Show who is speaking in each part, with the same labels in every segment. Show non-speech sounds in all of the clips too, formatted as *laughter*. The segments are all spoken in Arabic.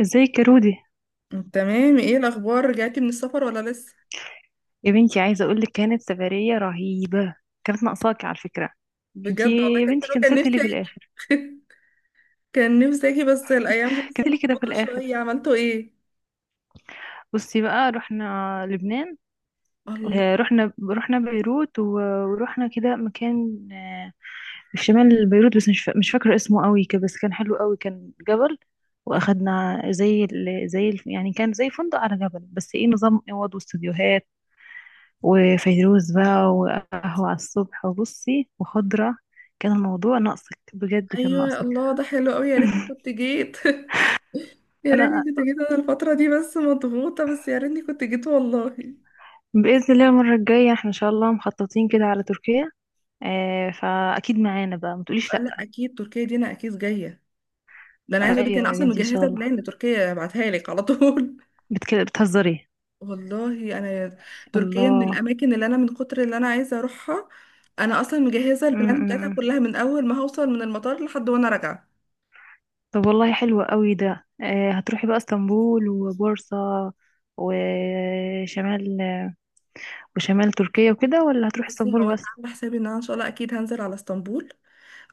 Speaker 1: ازيك يا رودي؟
Speaker 2: تمام، ايه الاخبار؟ رجعتي من السفر ولا لسه؟
Speaker 1: يا بنتي عايزه اقول لك كانت سفريه رهيبه. كانت ناقصاكي على فكره. انتي
Speaker 2: بجد والله
Speaker 1: يا
Speaker 2: كان
Speaker 1: بنتي
Speaker 2: حلو، كان
Speaker 1: كنسلتي ليه
Speaker 2: نفسي
Speaker 1: في
Speaker 2: اجي.
Speaker 1: الاخر؟
Speaker 2: *laughs* كان نفسي اجي بس الايام دي بس
Speaker 1: كنسلتي ليه كده في
Speaker 2: مضغوطه
Speaker 1: الاخر؟
Speaker 2: شويه. عملتوا ايه؟
Speaker 1: بصي بقى رحنا لبنان.
Speaker 2: الله.
Speaker 1: رحنا بيروت ورحنا كده مكان، في شمال بيروت، بس مش فاكره اسمه قوي كده، بس كان حلو قوي، كان جبل. واخدنا زي يعني كان زي فندق على جبل، بس ايه، نظام اوض واستوديوهات وفيروز بقى وقهوة على الصبح وبصي وخضرة. كان الموضوع ناقصك بجد، كان
Speaker 2: ايوه
Speaker 1: ناقصك.
Speaker 2: الله، ده حلو قوي، يا ريتني
Speaker 1: *laughs*
Speaker 2: كنت جيت. *laughs* يا ريتني
Speaker 1: انا
Speaker 2: كنت جيت، انا الفتره دي بس مضغوطه، بس يا ريتني كنت جيت والله.
Speaker 1: بإذن الله المرة الجاية احنا ان شاء الله مخططين كده على تركيا. آه فأكيد معانا بقى، ما تقوليش
Speaker 2: آه
Speaker 1: لأ.
Speaker 2: لا، اكيد تركيا دي انا اكيد جايه، ده انا عايزه اقول لك انا
Speaker 1: ايوه يا
Speaker 2: اصلا
Speaker 1: بنتي ان شاء
Speaker 2: مجهزه
Speaker 1: الله.
Speaker 2: بلان لتركيا ابعتها لك على طول.
Speaker 1: بتهزري؟
Speaker 2: والله انا تركيا من
Speaker 1: الله.
Speaker 2: الاماكن اللي انا من كتر اللي انا عايزه اروحها، انا اصلا مجهزه
Speaker 1: م
Speaker 2: البلان بتاعتها
Speaker 1: -م. م.
Speaker 2: كلها من اول ما هوصل من المطار لحد وانا راجعه.
Speaker 1: طب والله حلو قوي ده. آه هتروحي بقى اسطنبول وبورصة وشمال، وشمال تركيا وكده، ولا هتروحي
Speaker 2: بصي، هو
Speaker 1: اسطنبول
Speaker 2: انا
Speaker 1: بس؟
Speaker 2: عامله حسابي ان انا ان شاء الله اكيد هنزل على اسطنبول،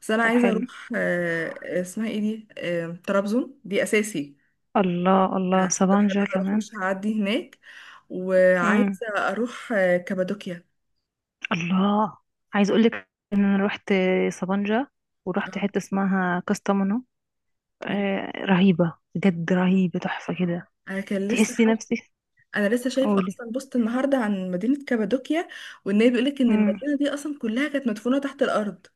Speaker 2: بس انا
Speaker 1: طب
Speaker 2: عايزه
Speaker 1: حلو.
Speaker 2: اروح اسمها ايه دي؟ طرابزون دي اساسي،
Speaker 1: الله الله،
Speaker 2: استحاله
Speaker 1: سبانجا
Speaker 2: هروح
Speaker 1: كمان.
Speaker 2: مش هعدي هناك.
Speaker 1: امم
Speaker 2: وعايزه اروح كابادوكيا.
Speaker 1: الله. عايز اقول لك ان انا رحت سبانجا ورحت حته اسمها كاستامونو.
Speaker 2: اوكي.
Speaker 1: آه رهيبه بجد، رهيبه، تحفه كده.
Speaker 2: انا كان لسه
Speaker 1: تحسي
Speaker 2: حد،
Speaker 1: نفسك.
Speaker 2: انا لسه شايفه
Speaker 1: قولي.
Speaker 2: اصلا بوست النهارده عن مدينه كابادوكيا، وان هي بيقولك ان
Speaker 1: امم
Speaker 2: المدينه دي اصلا كلها كانت مدفونه تحت الارض.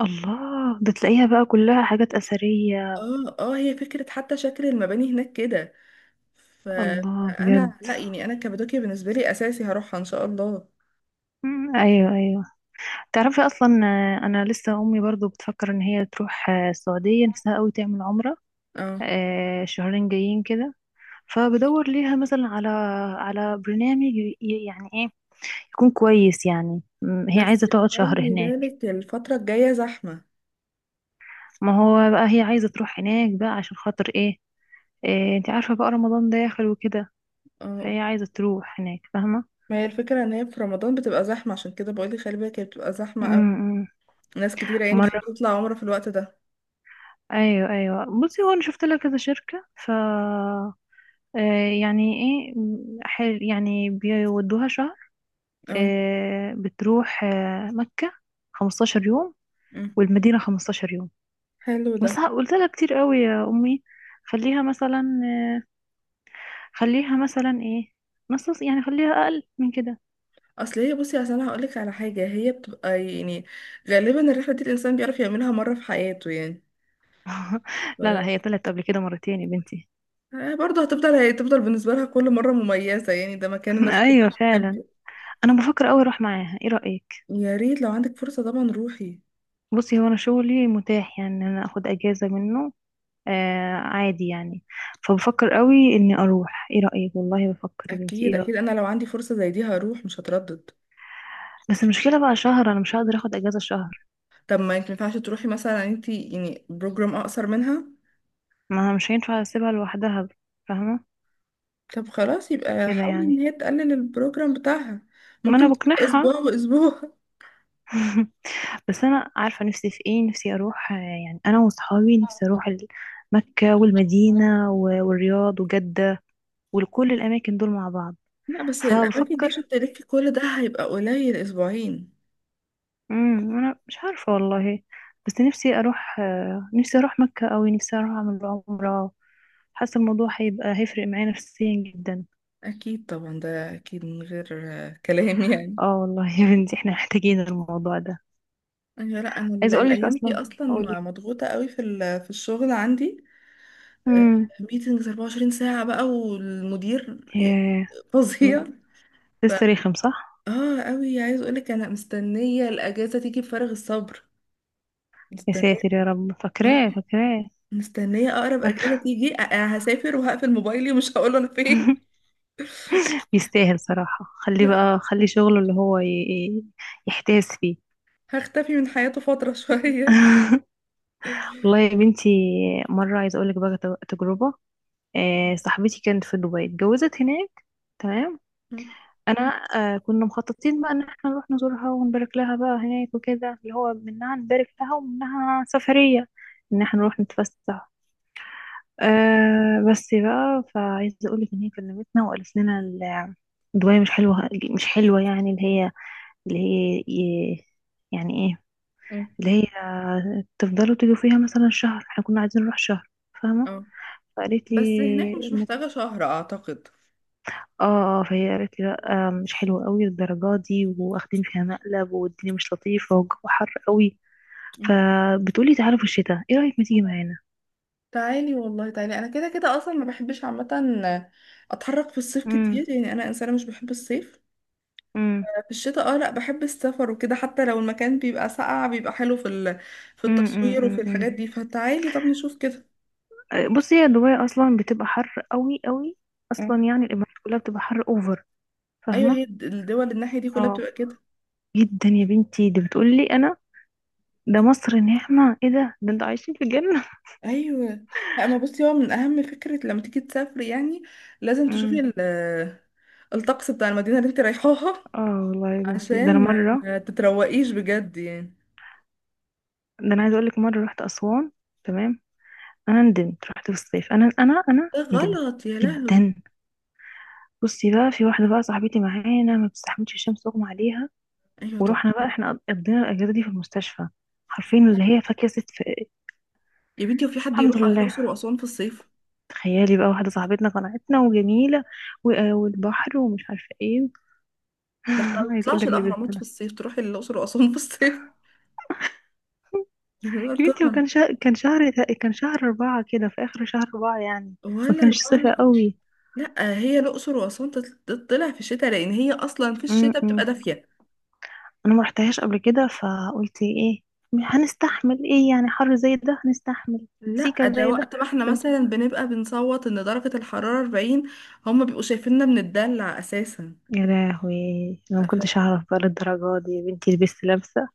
Speaker 1: الله، ده تلاقيها بقى كلها حاجات اثريه.
Speaker 2: اه اه، هي فكره حتى شكل المباني هناك كده. ف-
Speaker 1: الله بجد.
Speaker 2: فانا لا يعني، انا كابادوكيا بالنسبه لي اساسي هروحها ان شاء الله.
Speaker 1: ايوه ايوه. تعرفي اصلا، انا لسه امي برضو بتفكر ان هي تروح، السعوديه، نفسها قوي تعمل عمره،
Speaker 2: اه،
Speaker 1: شهرين جايين كده. فبدور ليها مثلا على على برنامج يعني ايه، يكون كويس، يعني هي
Speaker 2: بس
Speaker 1: عايزة تقعد شهر
Speaker 2: خلي
Speaker 1: هناك.
Speaker 2: بالك الفتره الجايه زحمه.
Speaker 1: ما هو بقى هي عايزة تروح هناك بقى عشان خاطر ايه، إيه، انت عارفة بقى رمضان داخل وكده،
Speaker 2: اه،
Speaker 1: فهي عايزة تروح هناك، فاهمة؟
Speaker 2: ما هي الفكره ان هي في رمضان بتبقى زحمه، عشان كده بقول لك خلي بالك هي بتبقى زحمه
Speaker 1: م-
Speaker 2: قوي،
Speaker 1: م.
Speaker 2: ناس كتيره يعني
Speaker 1: مرة.
Speaker 2: بتطلع عمره في الوقت ده.
Speaker 1: ايوه ايوه، بصي هو انا شفت لها كذا شركة، ف يعني ايه، حل، يعني بيودوها شهر،
Speaker 2: اه.
Speaker 1: بتروح مكة 15 يوم
Speaker 2: أمم.
Speaker 1: والمدينة 15 يوم.
Speaker 2: حلو ده.
Speaker 1: بس قلت لها كتير قوي يا امي، خليها مثلا، خليها مثلا ايه، نص، يعني خليها اقل من كده.
Speaker 2: اصل هي، بصي اصل انا هقولك على حاجه، هي بتبقى يعني غالبا الرحله دي الانسان بيعرف يعملها مره في حياته يعني.
Speaker 1: *laughs* لا لا،
Speaker 2: ف...
Speaker 1: هي طلعت قبل كده مرتين يا بنتي.
Speaker 2: برضه هتفضل هتفضل بالنسبه لها كل مره مميزه يعني، ده مكان
Speaker 1: *laughs*
Speaker 2: الناس
Speaker 1: ايوه
Speaker 2: كلها
Speaker 1: فعلا.
Speaker 2: بتحبه.
Speaker 1: انا بفكر قوي اروح معاها، ايه رايك؟
Speaker 2: يا ريت لو عندك فرصه طبعا روحي.
Speaker 1: بصي هو انا شغلي متاح، يعني إن انا اخد اجازه منه آه، عادي يعني. فبفكر قوي اني اروح، ايه رايك والله، بفكر يا بنتي،
Speaker 2: اكيد
Speaker 1: ايه رايك؟
Speaker 2: اكيد، انا لو عندي فرصه زي دي هروح مش هتردد.
Speaker 1: بس المشكله بقى شهر، انا مش هقدر اخد اجازه شهر.
Speaker 2: طب ما انت ينفعش تروحي مثلا انت يعني بروجرام اقصر منها؟
Speaker 1: ما مش هينفع اسيبها لوحدها، فاهمه؟
Speaker 2: طب خلاص يبقى
Speaker 1: كده
Speaker 2: حاولي ان
Speaker 1: يعني.
Speaker 2: هي تقلل البروجرام بتاعها،
Speaker 1: ما انا
Speaker 2: ممكن تبقى
Speaker 1: بقنعها.
Speaker 2: اسبوع واسبوع. *laughs*
Speaker 1: *laughs* بس انا عارفه نفسي في ايه، نفسي اروح، يعني انا وصحابي نفسي اروح مكه والمدينه والرياض وجده، وكل الاماكن دول مع بعض.
Speaker 2: لا بس الاماكن دي
Speaker 1: فبفكر،
Speaker 2: عشان تلفي كل ده هيبقى قليل اسبوعين.
Speaker 1: انا مش عارفه والله، بس نفسي اروح، نفسي اروح مكه، او نفسي اروح اعمل عمره. حاسه الموضوع هيبقى هيفرق معايا نفسيا جدا.
Speaker 2: اكيد طبعا، ده اكيد من غير كلام. *laughs* يعني
Speaker 1: اه والله يا بنتي، احنا محتاجين الموضوع ده.
Speaker 2: أيوة، لا انا
Speaker 1: عايزه اقول لك
Speaker 2: الايام دي
Speaker 1: اصلا.
Speaker 2: اصلا
Speaker 1: قولي.
Speaker 2: مضغوطه قوي في في الشغل عندي،
Speaker 1: امم
Speaker 2: ميتنجز 24 ساعه بقى والمدير
Speaker 1: ياه.
Speaker 2: فظيع. ف
Speaker 1: لسه رخم صح؟
Speaker 2: اه قوي، عايز اقولك انا مستنيه الاجازه تيجي بفارغ الصبر،
Speaker 1: يا
Speaker 2: مستنيه،
Speaker 1: ساتر يا رب،
Speaker 2: اه
Speaker 1: فاكراه فاكراه.
Speaker 2: مستنيه. اقرب اجازه
Speaker 1: *laughs*
Speaker 2: تيجي أنا هسافر وهقفل موبايلي ومش هقول انا فين.
Speaker 1: يستاهل صراحة، خليه
Speaker 2: *laughs*
Speaker 1: بقى، خلي شغله اللي هو يحتاس فيه.
Speaker 2: هختفي من حياته فتره شويه.
Speaker 1: *laughs* والله يا بنتي، مرة عايزة أقولك بقى تجربة. صاحبتي كانت في دبي، اتجوزت هناك، تمام.
Speaker 2: *laughs*
Speaker 1: أنا، كنا مخططين بقى إن احنا نروح نزورها ونبارك لها بقى هناك وكده، اللي هو منها نبارك لها ومنها سفرية، إن احنا نروح نتفسح. أه بس بقى، فعايزة أقولك إن هي كلمتنا وقالت لنا الدواية مش حلوة. مش حلوة يعني، اللي هي، اللي هي ي- يعني إيه،
Speaker 2: مم.
Speaker 1: اللي هي تفضلوا تيجوا فيها مثلا شهر، احنا كنا عايزين نروح شهر، فاهمة؟
Speaker 2: اه
Speaker 1: فقالت لي،
Speaker 2: بس هناك مش
Speaker 1: ما-
Speaker 2: محتاجه شهر اعتقد.
Speaker 1: اه، فهي قالت لي لا، مش حلوة قوي الدرجات دي، واخدين فيها مقلب، والدنيا مش لطيفة، والجو حر قوي. فبتقولي تعالوا في الشتاء، ايه رأيك ما تيجي معانا؟
Speaker 2: تعالي والله تعالي، انا كده كده اصلا ما بحبش عامه اتحرك في الصيف
Speaker 1: امم
Speaker 2: كتير، يعني انا انسانه مش بحب الصيف.
Speaker 1: امم
Speaker 2: في الشتاء اه، لا بحب السفر وكده، حتى لو المكان بيبقى ساقع بيبقى حلو في التصوير وفي
Speaker 1: امم
Speaker 2: الحاجات دي، فتعالي طب نشوف كده.
Speaker 1: بصي، هي دبي اصلا بتبقى حر قوي قوي،
Speaker 2: مم.
Speaker 1: اصلا يعني الامارات كلها بتبقى حر اوفر،
Speaker 2: ايوه هي
Speaker 1: فاهمه؟
Speaker 2: الدول الناحيه دي كلها
Speaker 1: اه
Speaker 2: بتبقى كده.
Speaker 1: جدا يا بنتي، دي بتقولي انا، ده مصر نعمه، ايه ده، ده انتوا عايشين في جنه.
Speaker 2: ايوه لا، ما بصي هو من اهم فكره لما تيجي تسافري يعني، لازم تشوفي
Speaker 1: امم
Speaker 2: الطقس بتاع المدينه اللي انت رايحاها،
Speaker 1: *laughs* اه والله يا بنتي، ده انا
Speaker 2: عشان ما
Speaker 1: مره،
Speaker 2: ما تتروقيش بجد يعني.
Speaker 1: ده انا عايزه اقول لك مره رحت اسوان، تمام. انا ندمت، رحت في الصيف، انا
Speaker 2: ده
Speaker 1: ندمت
Speaker 2: غلط يا لهوي.
Speaker 1: جدا. بصي بقى، في واحده بقى صاحبتي معانا ما بتستحملش الشمس، اغمى عليها،
Speaker 2: ايوه طب.
Speaker 1: ورحنا بقى احنا قضينا الاجازه دي في المستشفى. عارفين اللي هي فاكهه ست في
Speaker 2: يا بنتي وفي حد
Speaker 1: الحمد
Speaker 2: يروح على الاقصر
Speaker 1: لله.
Speaker 2: واسوان في الصيف؟
Speaker 1: تخيلي بقى، واحدة صاحبتنا قنعتنا وجميلة والبحر ومش عارفة ايه.
Speaker 2: ده احنا ما
Speaker 1: *laughs* عايز اقول
Speaker 2: بنطلعش
Speaker 1: لك لبسنا
Speaker 2: الاهرامات في
Speaker 1: لها،
Speaker 2: الصيف، تروحي الاقصر واسوان في الصيف؟ *laughs* لا
Speaker 1: يا بنتي
Speaker 2: طبعا.
Speaker 1: وكان شهر، كان شهر، كان شهر أربعة كده، في آخر شهر أربعة يعني، ما
Speaker 2: ولا
Speaker 1: كانش
Speaker 2: ربع.
Speaker 1: صيف قوي.
Speaker 2: لا هي الاقصر واسوان تطلع في الشتاء لان هي اصلا في الشتاء
Speaker 1: م-م.
Speaker 2: بتبقى دافيه.
Speaker 1: أنا ما رحتهاش قبل كده، فقلت ايه، هنستحمل، ايه يعني حر زي ده، هنستحمل
Speaker 2: لا،
Speaker 1: سيكة
Speaker 2: ده
Speaker 1: زي ده.
Speaker 2: وقت ما احنا
Speaker 1: قلت لهم،
Speaker 2: مثلا بنبقى بنصوت ان درجه الحراره 40، هم بيبقوا شايفيننا بنتدلع اساسا.
Speaker 1: يا لهوي انا ما
Speaker 2: ف...
Speaker 1: كنتش اعرف بقى للدرجه دي يا بنتي، لبست لابسه.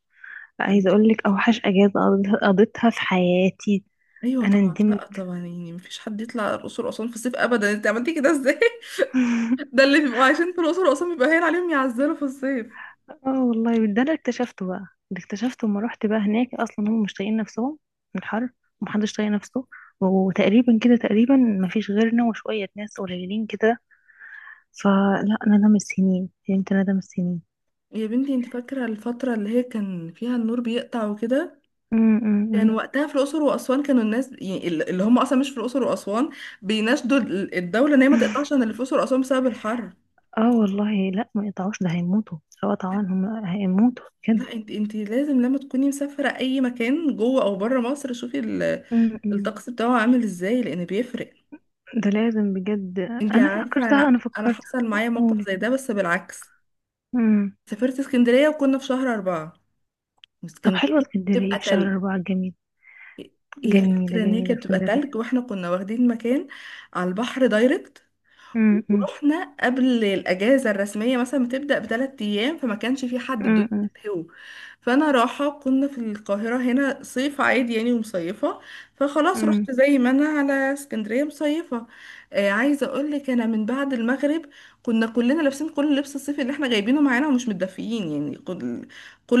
Speaker 1: عايزه اقول لك اوحش اجازه قضيتها، قضيتها في حياتي،
Speaker 2: ايوه
Speaker 1: انا
Speaker 2: طبعا.
Speaker 1: ندمت.
Speaker 2: لا طبعا يعني مفيش حد يطلع الاقصر واسوان في الصيف ابدا، انت عملتي كده ازاي؟ *laughs*
Speaker 1: *laughs*
Speaker 2: ده اللي بيبقوا عايشين في الاقصر واسوان بيبقى هين عليهم يعزلوا في الصيف.
Speaker 1: اه والله، ده اللي اكتشفته بقى، اللي اكتشفته لما رحت بقى هناك، اصلا هم مش طايقين نفسهم من الحر، ومحدش طايق نفسه، وتقريبا كده تقريبا مفيش غيرنا وشوية ناس قليلين كده. فلا ندم السنين، فهمت ندم السنين.
Speaker 2: يا بنتي انت فاكرة الفترة اللي هي كان فيها النور بيقطع وكده؟
Speaker 1: أم أم
Speaker 2: كان
Speaker 1: أم.
Speaker 2: وقتها في الأقصر وأسوان كانوا الناس يعني اللي هم أصلا مش في الأقصر وأسوان بيناشدوا الدولة إن هي ما
Speaker 1: *laughs*
Speaker 2: تقطعش عن اللي في الأقصر وأسوان بسبب الحر.
Speaker 1: اه والله لا، ما يقطعوش، ده هيموتوا، لو قطعوا هم هيموتوا بجد.
Speaker 2: لا انت لازم لما تكوني مسافرة أي مكان جوه أو بره مصر شوفي
Speaker 1: أم أم.
Speaker 2: الطقس بتاعه عامل ازاي، لأن بيفرق.
Speaker 1: ده لازم بجد.
Speaker 2: انت ايوه
Speaker 1: انا
Speaker 2: عندك، عارفة
Speaker 1: فكرتها،
Speaker 2: أنا
Speaker 1: انا
Speaker 2: أنا
Speaker 1: فكرت.
Speaker 2: حصل معايا موقف
Speaker 1: قولي.
Speaker 2: زي ده بس بالعكس.
Speaker 1: أم.
Speaker 2: سافرت اسكندرية وكنا في شهر أربعة،
Speaker 1: طب
Speaker 2: واسكندرية
Speaker 1: حلوة اسكندرية
Speaker 2: بتبقى
Speaker 1: في
Speaker 2: تلج.
Speaker 1: شهر أربعة، جميل.
Speaker 2: هي
Speaker 1: جميلة
Speaker 2: الفكرة ان هي
Speaker 1: جميلة
Speaker 2: كانت بتبقى
Speaker 1: اسكندرية.
Speaker 2: تلج واحنا كنا واخدين مكان على البحر دايركت،
Speaker 1: أم أم.
Speaker 2: ورحنا قبل الاجازه الرسميه مثلا بتبدا بثلاث ايام، فما كانش في حد
Speaker 1: امم
Speaker 2: الدنيا
Speaker 1: امم
Speaker 2: هو. فانا راحه كنا في القاهره هنا صيف عادي يعني ومصيفه، فخلاص
Speaker 1: امم.
Speaker 2: رحت زي ما انا على اسكندريه مصيفه. عايزه اقول لك انا من بعد المغرب كنا كلنا لابسين كل لبس الصيف اللي احنا جايبينه معانا ومش متدفيين، يعني كل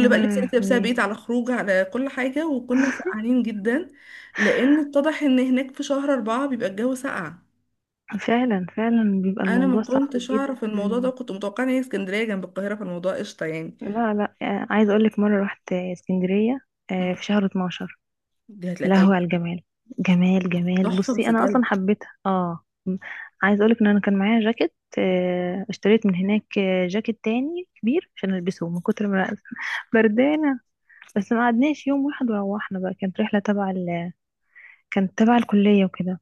Speaker 1: يا
Speaker 2: بقى لبس انت لابسها
Speaker 1: لهوي.
Speaker 2: بيت على خروج على كل حاجه، وكنا
Speaker 1: *laughs*
Speaker 2: سقعانين جدا لانه اتضح ان هناك في شهر أربعة بيبقى الجو ساقع.
Speaker 1: فعلا فعلا، بيبقى
Speaker 2: انا
Speaker 1: الموضوع
Speaker 2: ما
Speaker 1: صعب
Speaker 2: كنتش اعرف الموضوع ده،
Speaker 1: جدا.
Speaker 2: كنت متوقعه ان هي اسكندريه جنب القاهره فالموضوع قشطه يعني.
Speaker 1: لا لا، عايزه اقول لك مره رحت اسكندريه،
Speaker 2: مم.
Speaker 1: في شهر 12.
Speaker 2: دي هتلاقي
Speaker 1: يا لهوي
Speaker 2: تلج.
Speaker 1: على الجمال، جمال جمال.
Speaker 2: تحفه بس
Speaker 1: بصي انا اصلا
Speaker 2: تلج.
Speaker 1: حبيتها، اه عايزه اقول لك ان انا كان معايا جاكيت، اشتريت من هناك، جاكيت تاني كبير عشان البسه من كتر ما أنا *laughs* بردانه. بس ما قعدناش يوم واحد، وروحنا بقى، كانت رحله تبع كانت تبع الكليه وكده.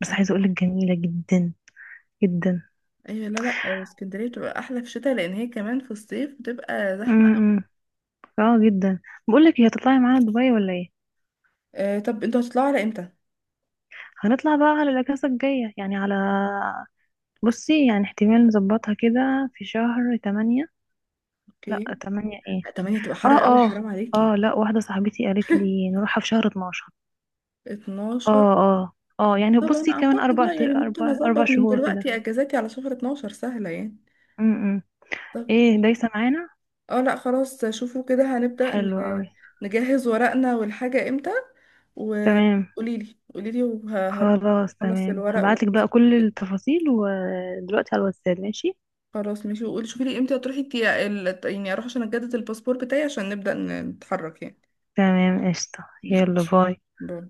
Speaker 1: بس عايزه اقول
Speaker 2: ايوه
Speaker 1: لك جميله جدا جدا.
Speaker 2: أيوة، لا لا، اسكندريه بتبقى احلى في الشتاء لان هي كمان في الصيف بتبقى زحمه.
Speaker 1: امم اه جدا. بقول لك، هتطلعي معانا دبي ولا ايه؟
Speaker 2: آه طب انتوا هتطلعوا على امتى؟
Speaker 1: هنطلع بقى على الاجازه الجايه، يعني على، بصي يعني احتمال نظبطها كده في شهر تمانية. لا
Speaker 2: اوكي.
Speaker 1: تمانية ايه؟
Speaker 2: 8 تبقى
Speaker 1: اه
Speaker 2: حر قوي
Speaker 1: اه
Speaker 2: حرام عليكي.
Speaker 1: اه، لا واحده صاحبتي قالت لي نروحها في شهر 12.
Speaker 2: 12؟
Speaker 1: اه اه اه، يعني
Speaker 2: طبعا
Speaker 1: بصي كمان
Speaker 2: اعتقد،
Speaker 1: اربع
Speaker 2: لا يعني ممكن
Speaker 1: اربع اربع
Speaker 2: اظبط من
Speaker 1: شهور كده.
Speaker 2: دلوقتي اجازاتي على شهر 12 سهله يعني.
Speaker 1: امم ايه دايسه معانا؟
Speaker 2: اه لا خلاص، شوفوا كده، هنبدأ
Speaker 1: حلو قوي.
Speaker 2: نجهز ورقنا والحاجة امتى،
Speaker 1: تمام
Speaker 2: وقولي لي قولي لي وهروح.
Speaker 1: خلاص،
Speaker 2: اخلص
Speaker 1: تمام
Speaker 2: الورق
Speaker 1: هبعتلك بقى كل التفاصيل ودلوقتي على الواتساب، ماشي.
Speaker 2: خلاص ماشي، وقولي شوفي لي امتى هتروحي يعني اروح عشان اجدد الباسبور بتاعي عشان نبدأ نتحرك يعني.
Speaker 1: تمام قشطه.
Speaker 2: مم.
Speaker 1: يلا باي.
Speaker 2: باي.